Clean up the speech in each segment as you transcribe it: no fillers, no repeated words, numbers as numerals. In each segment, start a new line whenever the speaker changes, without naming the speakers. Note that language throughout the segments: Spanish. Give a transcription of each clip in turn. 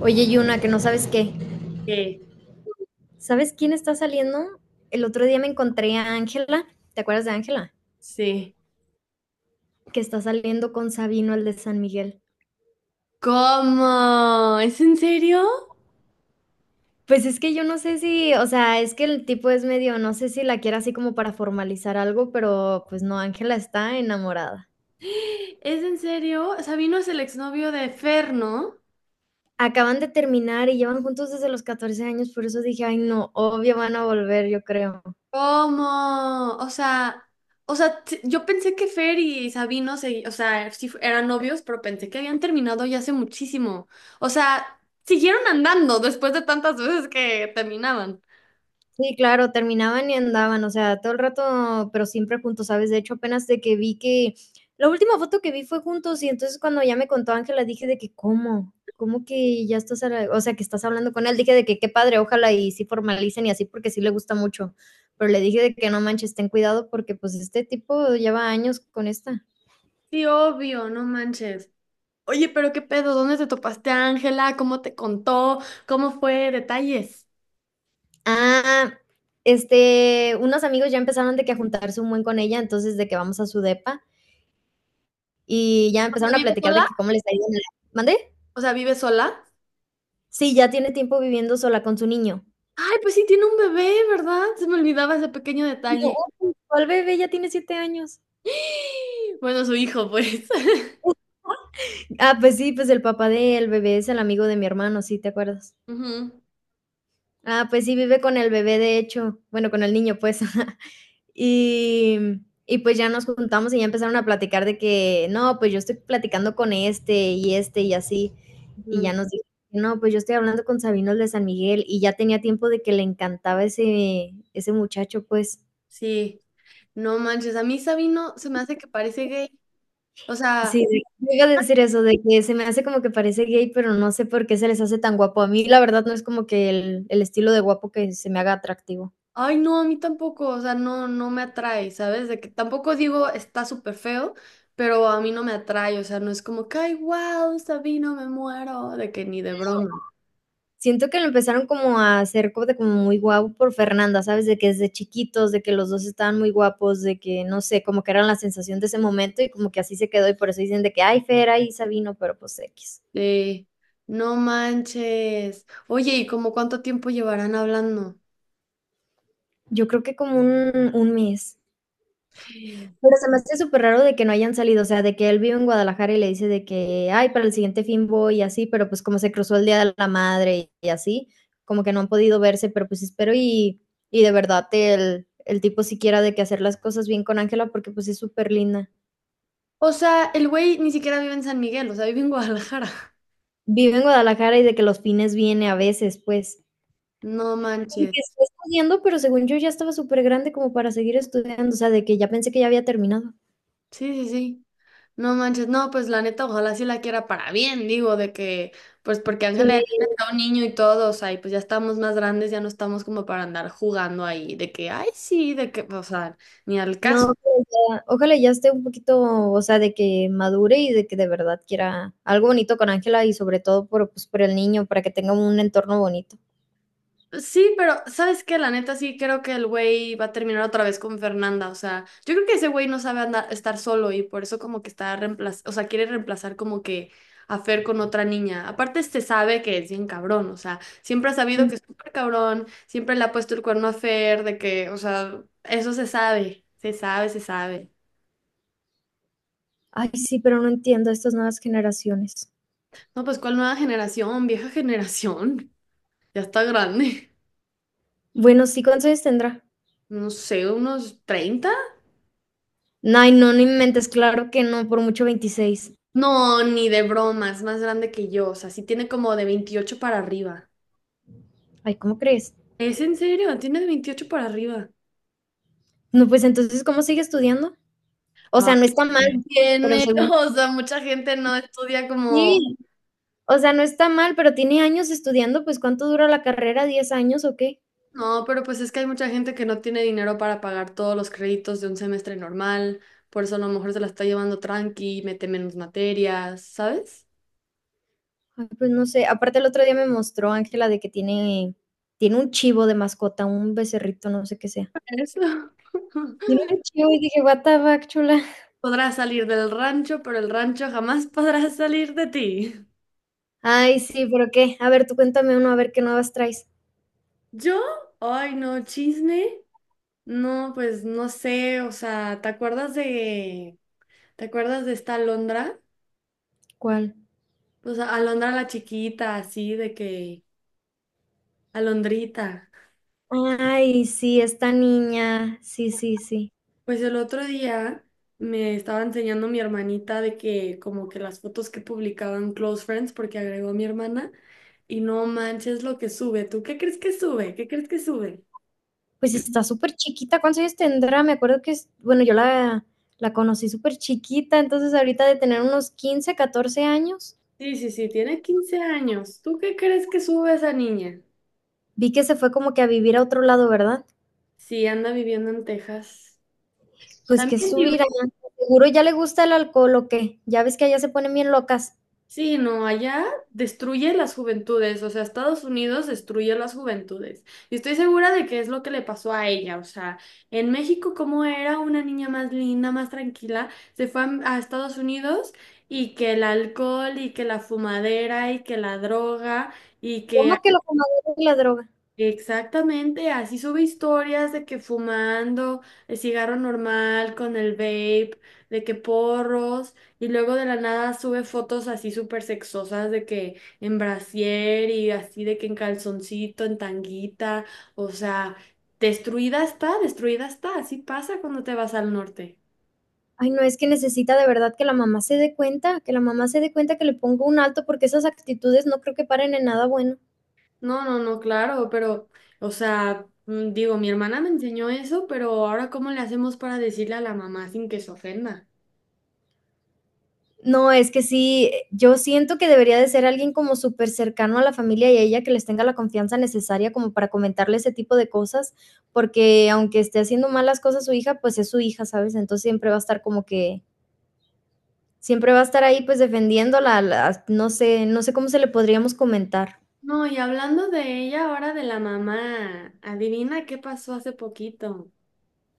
Oye, Yuna, que no sabes qué.
Sí,
¿Sabes quién está saliendo? El otro día me encontré a Ángela. ¿Te acuerdas de Ángela?
sí.
Que está saliendo con Sabino, el de San Miguel.
¿Cómo? ¿Es en serio?
Pues es que yo no sé si, o sea, es que el tipo es medio, no sé si la quiere así como para formalizar algo, pero pues no, Ángela está enamorada.
¿Es en serio? Sabino es el exnovio de Fer, ¿no?
Acaban de terminar y llevan juntos desde los 14 años, por eso dije, ay no, obvio van a volver, yo creo.
¿Cómo? O sea, yo pensé que Fer y Sabino se, o sea, eran novios, pero pensé que habían terminado ya hace muchísimo. O sea, siguieron andando después de tantas veces que terminaban.
Sí, claro, terminaban y andaban, o sea, todo el rato, pero siempre juntos, ¿sabes? De hecho, apenas de que vi que la última foto que vi fue juntos y entonces cuando ya me contó Ángela dije de que, ¿cómo? ¿Cómo que ya estás, o sea, que estás hablando con él? Dije de que qué padre, ojalá y sí formalicen y así porque sí le gusta mucho. Pero le dije de que no manches, ten cuidado porque pues este tipo lleva años con esta.
Sí, obvio, no manches. Oye, pero qué pedo, ¿dónde te topaste a Ángela? ¿Cómo te contó? ¿Cómo fue? Detalles.
Ah, este, unos amigos ya empezaron de que a juntarse un buen con ella, entonces de que vamos a su depa y ya empezaron a
¿Vive
platicar de
sola?
que cómo les ha ido en la... ¿Mande?
O sea, ¿vive sola?
Sí, ya tiene tiempo viviendo sola con su niño.
Ay, pues sí, tiene un bebé, ¿verdad? Se me olvidaba ese pequeño
Y yo,
detalle.
oye, ¿cuál bebé? Ya tiene 7 años.
Bueno, su hijo, pues.
Ah, pues sí, pues el papá del bebé es el amigo de mi hermano, sí, ¿te acuerdas?
Ujú,
Ah, pues sí, vive con el bebé, de hecho, bueno, con el niño, pues. Y, y pues ya nos juntamos y ya empezaron a platicar de que, no, pues yo estoy platicando con este y este y así. Y
ujú.
ya nos dijo, no, pues yo estoy hablando con Sabino el de San Miguel y ya tenía tiempo de que le encantaba ese muchacho, pues.
Sí, no manches, a mí Sabino se me hace que parece gay. O sea,
Sí, sí, yo iba a decir eso, de que se me hace como que parece gay, pero no sé por qué se les hace tan guapo. A mí, la verdad, no es como que el estilo de guapo que se me haga atractivo.
ay, no, a mí tampoco, o sea, no, no me atrae, ¿sabes? De que tampoco digo está súper feo, pero a mí no me atrae, o sea, no es como que, ay, wow, Sabino, me muero, de que ni de broma.
Siento que lo empezaron como a hacer co de como muy guapo por Fernanda, ¿sabes? De que desde chiquitos, de que los 2 estaban muy guapos, de que, no sé, como que eran la sensación de ese momento y como que así se quedó, y por eso dicen de que: "Ay, Fera y Sabino", pero, pues, equis.
Sí, no manches. Oye, ¿y como cuánto tiempo llevarán hablando?
Yo creo que como un mes. Pero se me hace súper raro de que no hayan salido, o sea, de que él vive en Guadalajara y le dice de que, ay, para el siguiente fin voy y así, pero pues como se cruzó el Día de la Madre y así, como que no han podido verse, pero pues espero y de verdad el tipo siquiera de que hacer las cosas bien con Ángela porque pues es súper linda.
O sea, el güey ni siquiera vive en San Miguel, o sea, vive en Guadalajara.
Vive en Guadalajara y de que los fines viene a veces, pues.
No
Y
manches.
que está estudiando, pero según yo ya estaba súper grande como para seguir estudiando, o sea, de que ya pensé que ya había terminado.
Sí, sí, sí. No manches. No, pues la neta, ojalá sí la quiera para bien, digo, de que, pues porque
Sí.
Ángela ya está un niño y todo, o sea, y pues ya estamos más grandes, ya no estamos como para andar jugando ahí, de que, ay, sí, de que, o sea, ni al caso.
No, pero ya ojalá ya esté un poquito, o sea, de que madure y de que de verdad quiera algo bonito con Ángela y sobre todo por, pues, por el niño, para que tenga un entorno bonito.
Sí, pero ¿sabes qué? La neta sí creo que el güey va a terminar otra vez con Fernanda. O sea, yo creo que ese güey no sabe andar, estar solo y por eso como que o sea, quiere reemplazar como que a Fer con otra niña. Aparte, este sabe que es bien cabrón, o sea, siempre ha sabido
Mm.
que es súper cabrón, siempre le ha puesto el cuerno a Fer, de que, o sea, eso se sabe, se sabe, se sabe.
Ay, sí, pero no entiendo a estas nuevas generaciones.
No, pues, ¿cuál nueva generación? Vieja generación. Ya está grande.
Bueno, sí, ¿cuántos años tendrá?
No sé, unos 30.
Ay, no, no inventes, claro que no, por mucho 26.
No, ni de broma, es más grande que yo. O sea, sí tiene como de 28 para arriba.
Ay, ¿cómo crees?
¿Es en serio? Tiene de 28 para arriba.
No, pues entonces, ¿cómo sigue estudiando? O
Ah,
sea, no está mal, pero
tiene,
según...
o sea, mucha gente no estudia como...
Sí, o sea, no está mal, pero tiene años estudiando, pues ¿cuánto dura la carrera? ¿10 años o qué?
No, pero pues es que hay mucha gente que no tiene dinero para pagar todos los créditos de un semestre normal. Por eso a lo mejor se la está llevando tranqui, mete menos materias, ¿sabes?
Ay, pues no sé, aparte el otro día me mostró Ángela de que tiene tiene un chivo de mascota, un becerrito, no sé qué sea.
Eso.
Tiene un chivo y dije, what the fuck, chula.
Podrás salir del rancho, pero el rancho jamás podrá salir de ti.
Ay, sí, pero qué. A ver, tú cuéntame uno, a ver qué nuevas traes.
¿Yo? Ay, no, chisme. No, pues no sé, o sea, ¿te acuerdas de esta Alondra?
¿Cuál?
Pues Alondra la chiquita, así de que, Alondrita.
Ay, sí, esta niña. Sí, sí, sí.
Pues el otro día me estaba enseñando mi hermanita de que como que las fotos que publicaban Close Friends, porque agregó mi hermana, y no manches lo que sube. ¿Tú qué crees que sube? ¿Qué crees que sube?
Pues está súper chiquita. ¿Cuántos años tendrá? Me acuerdo que es, bueno, yo la, la conocí súper chiquita, entonces ahorita de tener unos 15, 14 años,
Sí, sí, sí, tiene 15 años. ¿Tú qué crees que sube esa niña?
vi que se fue como que a vivir a otro lado, ¿verdad?
Sí, anda viviendo en Texas.
Pues que
También vive.
subir allá. Seguro ya le gusta el alcohol o qué. Ya ves que allá se ponen bien locas.
Sí, no, allá destruye las juventudes, o sea, Estados Unidos destruye las juventudes. Y estoy segura de que es lo que le pasó a ella, o sea, en México como era una niña más linda, más tranquila, se fue a, Estados Unidos y que el alcohol y que la fumadera y que la droga y que
¿Cómo que lo comadre y la droga?
Exactamente, así sube historias de que fumando el cigarro normal con el vape, de que porros, y luego de la nada sube fotos así súper sexosas de que en brasier y así de que en calzoncito, en tanguita, o sea, destruida está, así pasa cuando te vas al norte.
Ay, no, es que necesita de verdad que la mamá se dé cuenta, que la mamá se dé cuenta que le ponga un alto porque esas actitudes no creo que paren en nada bueno.
No, no, no, claro, pero, o sea, digo, mi hermana me enseñó eso, pero ahora ¿cómo le hacemos para decirle a la mamá sin que se ofenda?
No, es que sí, yo siento que debería de ser alguien como súper cercano a la familia y a ella que les tenga la confianza necesaria como para comentarle ese tipo de cosas, porque aunque esté haciendo malas cosas su hija, pues es su hija, ¿sabes? Entonces siempre va a estar como que siempre va a estar ahí, pues, defendiéndola, la no sé cómo se le podríamos comentar.
No, y hablando de ella, ahora de la mamá, adivina qué pasó hace poquito.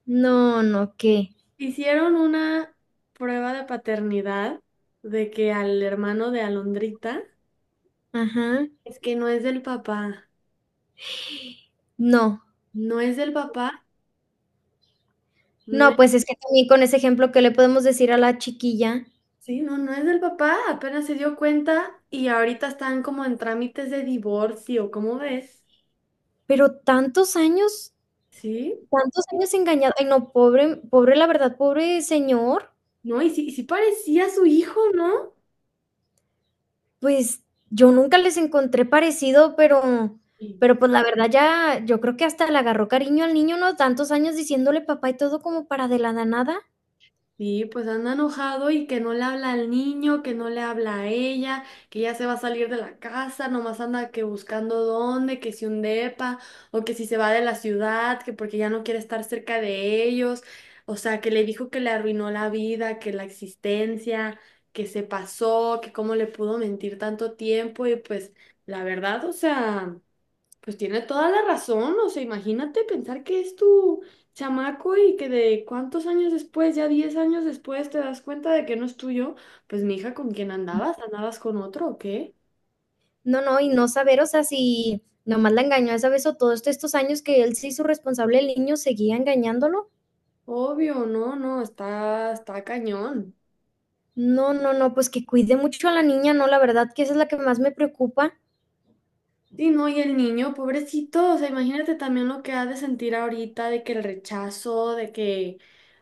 No, no, ¿qué?
Hicieron una prueba de paternidad de que al hermano de Alondrita
Ajá.
es que no es del papá,
No.
no es del papá, no
No,
es,
pues, es que también con ese ejemplo, ¿qué le podemos decir a la chiquilla?
sí, no, no es del papá, apenas se dio cuenta y ahorita están como en trámites de divorcio, ¿cómo ves?
Pero
Sí,
tantos años engañado. Ay, no, pobre pobre, la verdad, pobre señor.
no, y sí parecía su hijo, ¿no?
Pues, yo nunca les encontré parecido, pero pues, la verdad ya yo creo que hasta le agarró cariño al niño, ¿no? Tantos años diciéndole papá y todo como para de la nada.
Sí, pues anda enojado y que no le habla al niño, que no le habla a ella, que ya se va a salir de la casa, nomás anda que buscando dónde, que si un depa o que si se va de la ciudad, que porque ya no quiere estar cerca de ellos, o sea, que le dijo que le arruinó la vida, que la existencia, que se pasó, que cómo le pudo mentir tanto tiempo y pues la verdad, o sea... Pues tiene toda la razón, o sea, imagínate pensar que es tu chamaco y que de cuántos años después, ya 10 años después, te das cuenta de que no es tuyo, pues mi hija, ¿con quién andabas? ¿Andabas con otro o qué?
No, no, y no saber, o sea, si nomás la engañó esa vez o todos estos años que él se hizo responsable el niño, seguía engañándolo.
Obvio, no, no, está cañón.
No, no, no, pues que cuide mucho a la niña, no, la verdad que esa es la que más me preocupa.
Sí, no, y el niño, pobrecito, o sea, imagínate también lo que ha de sentir ahorita de que el rechazo, de que,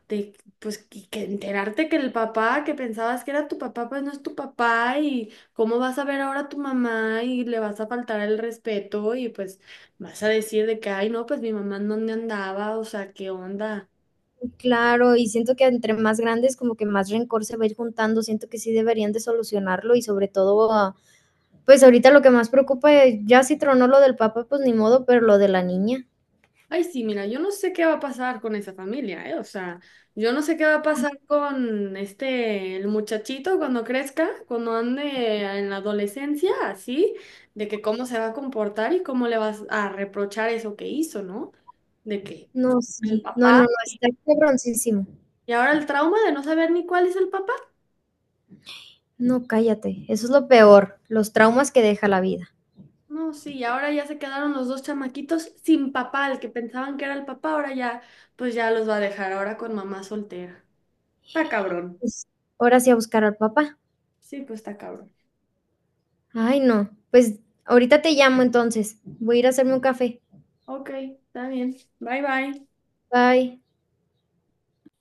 de, pues, que enterarte que el papá que pensabas que era tu papá, pues no es tu papá, y cómo vas a ver ahora a tu mamá y le vas a faltar el respeto y pues vas a decir de que, ay, no, pues mi mamá en dónde andaba, o sea, qué onda.
Claro, y siento que entre más grandes, como que más rencor se va a ir juntando. Siento que sí deberían de solucionarlo y sobre todo, ah, pues ahorita lo que más preocupa, ya si tronó lo del papá, pues ni modo, pero lo de la niña,
Ay, sí, mira, yo no sé qué va a pasar con esa familia, ¿eh? O sea, yo no sé qué va a pasar con este, el muchachito cuando crezca, cuando ande en la adolescencia, así, de que cómo se va a comportar y cómo le vas a reprochar eso que hizo, ¿no? De que
no,
el
sí, no, no,
papá,
no, está cabroncísimo.
y ahora el trauma de no saber ni cuál es el papá.
No, cállate, eso es lo peor, los traumas que deja la vida.
No, sí, y ahora ya se quedaron los dos chamaquitos sin papá, el que pensaban que era el papá, ahora ya, pues ya los va a dejar ahora con mamá soltera. Está cabrón.
Pues, ahora sí a buscar al papá.
Sí, pues está cabrón.
Ay, no, pues ahorita te llamo entonces. Voy a ir a hacerme un café.
Ok, está bien. Bye bye.
Bye.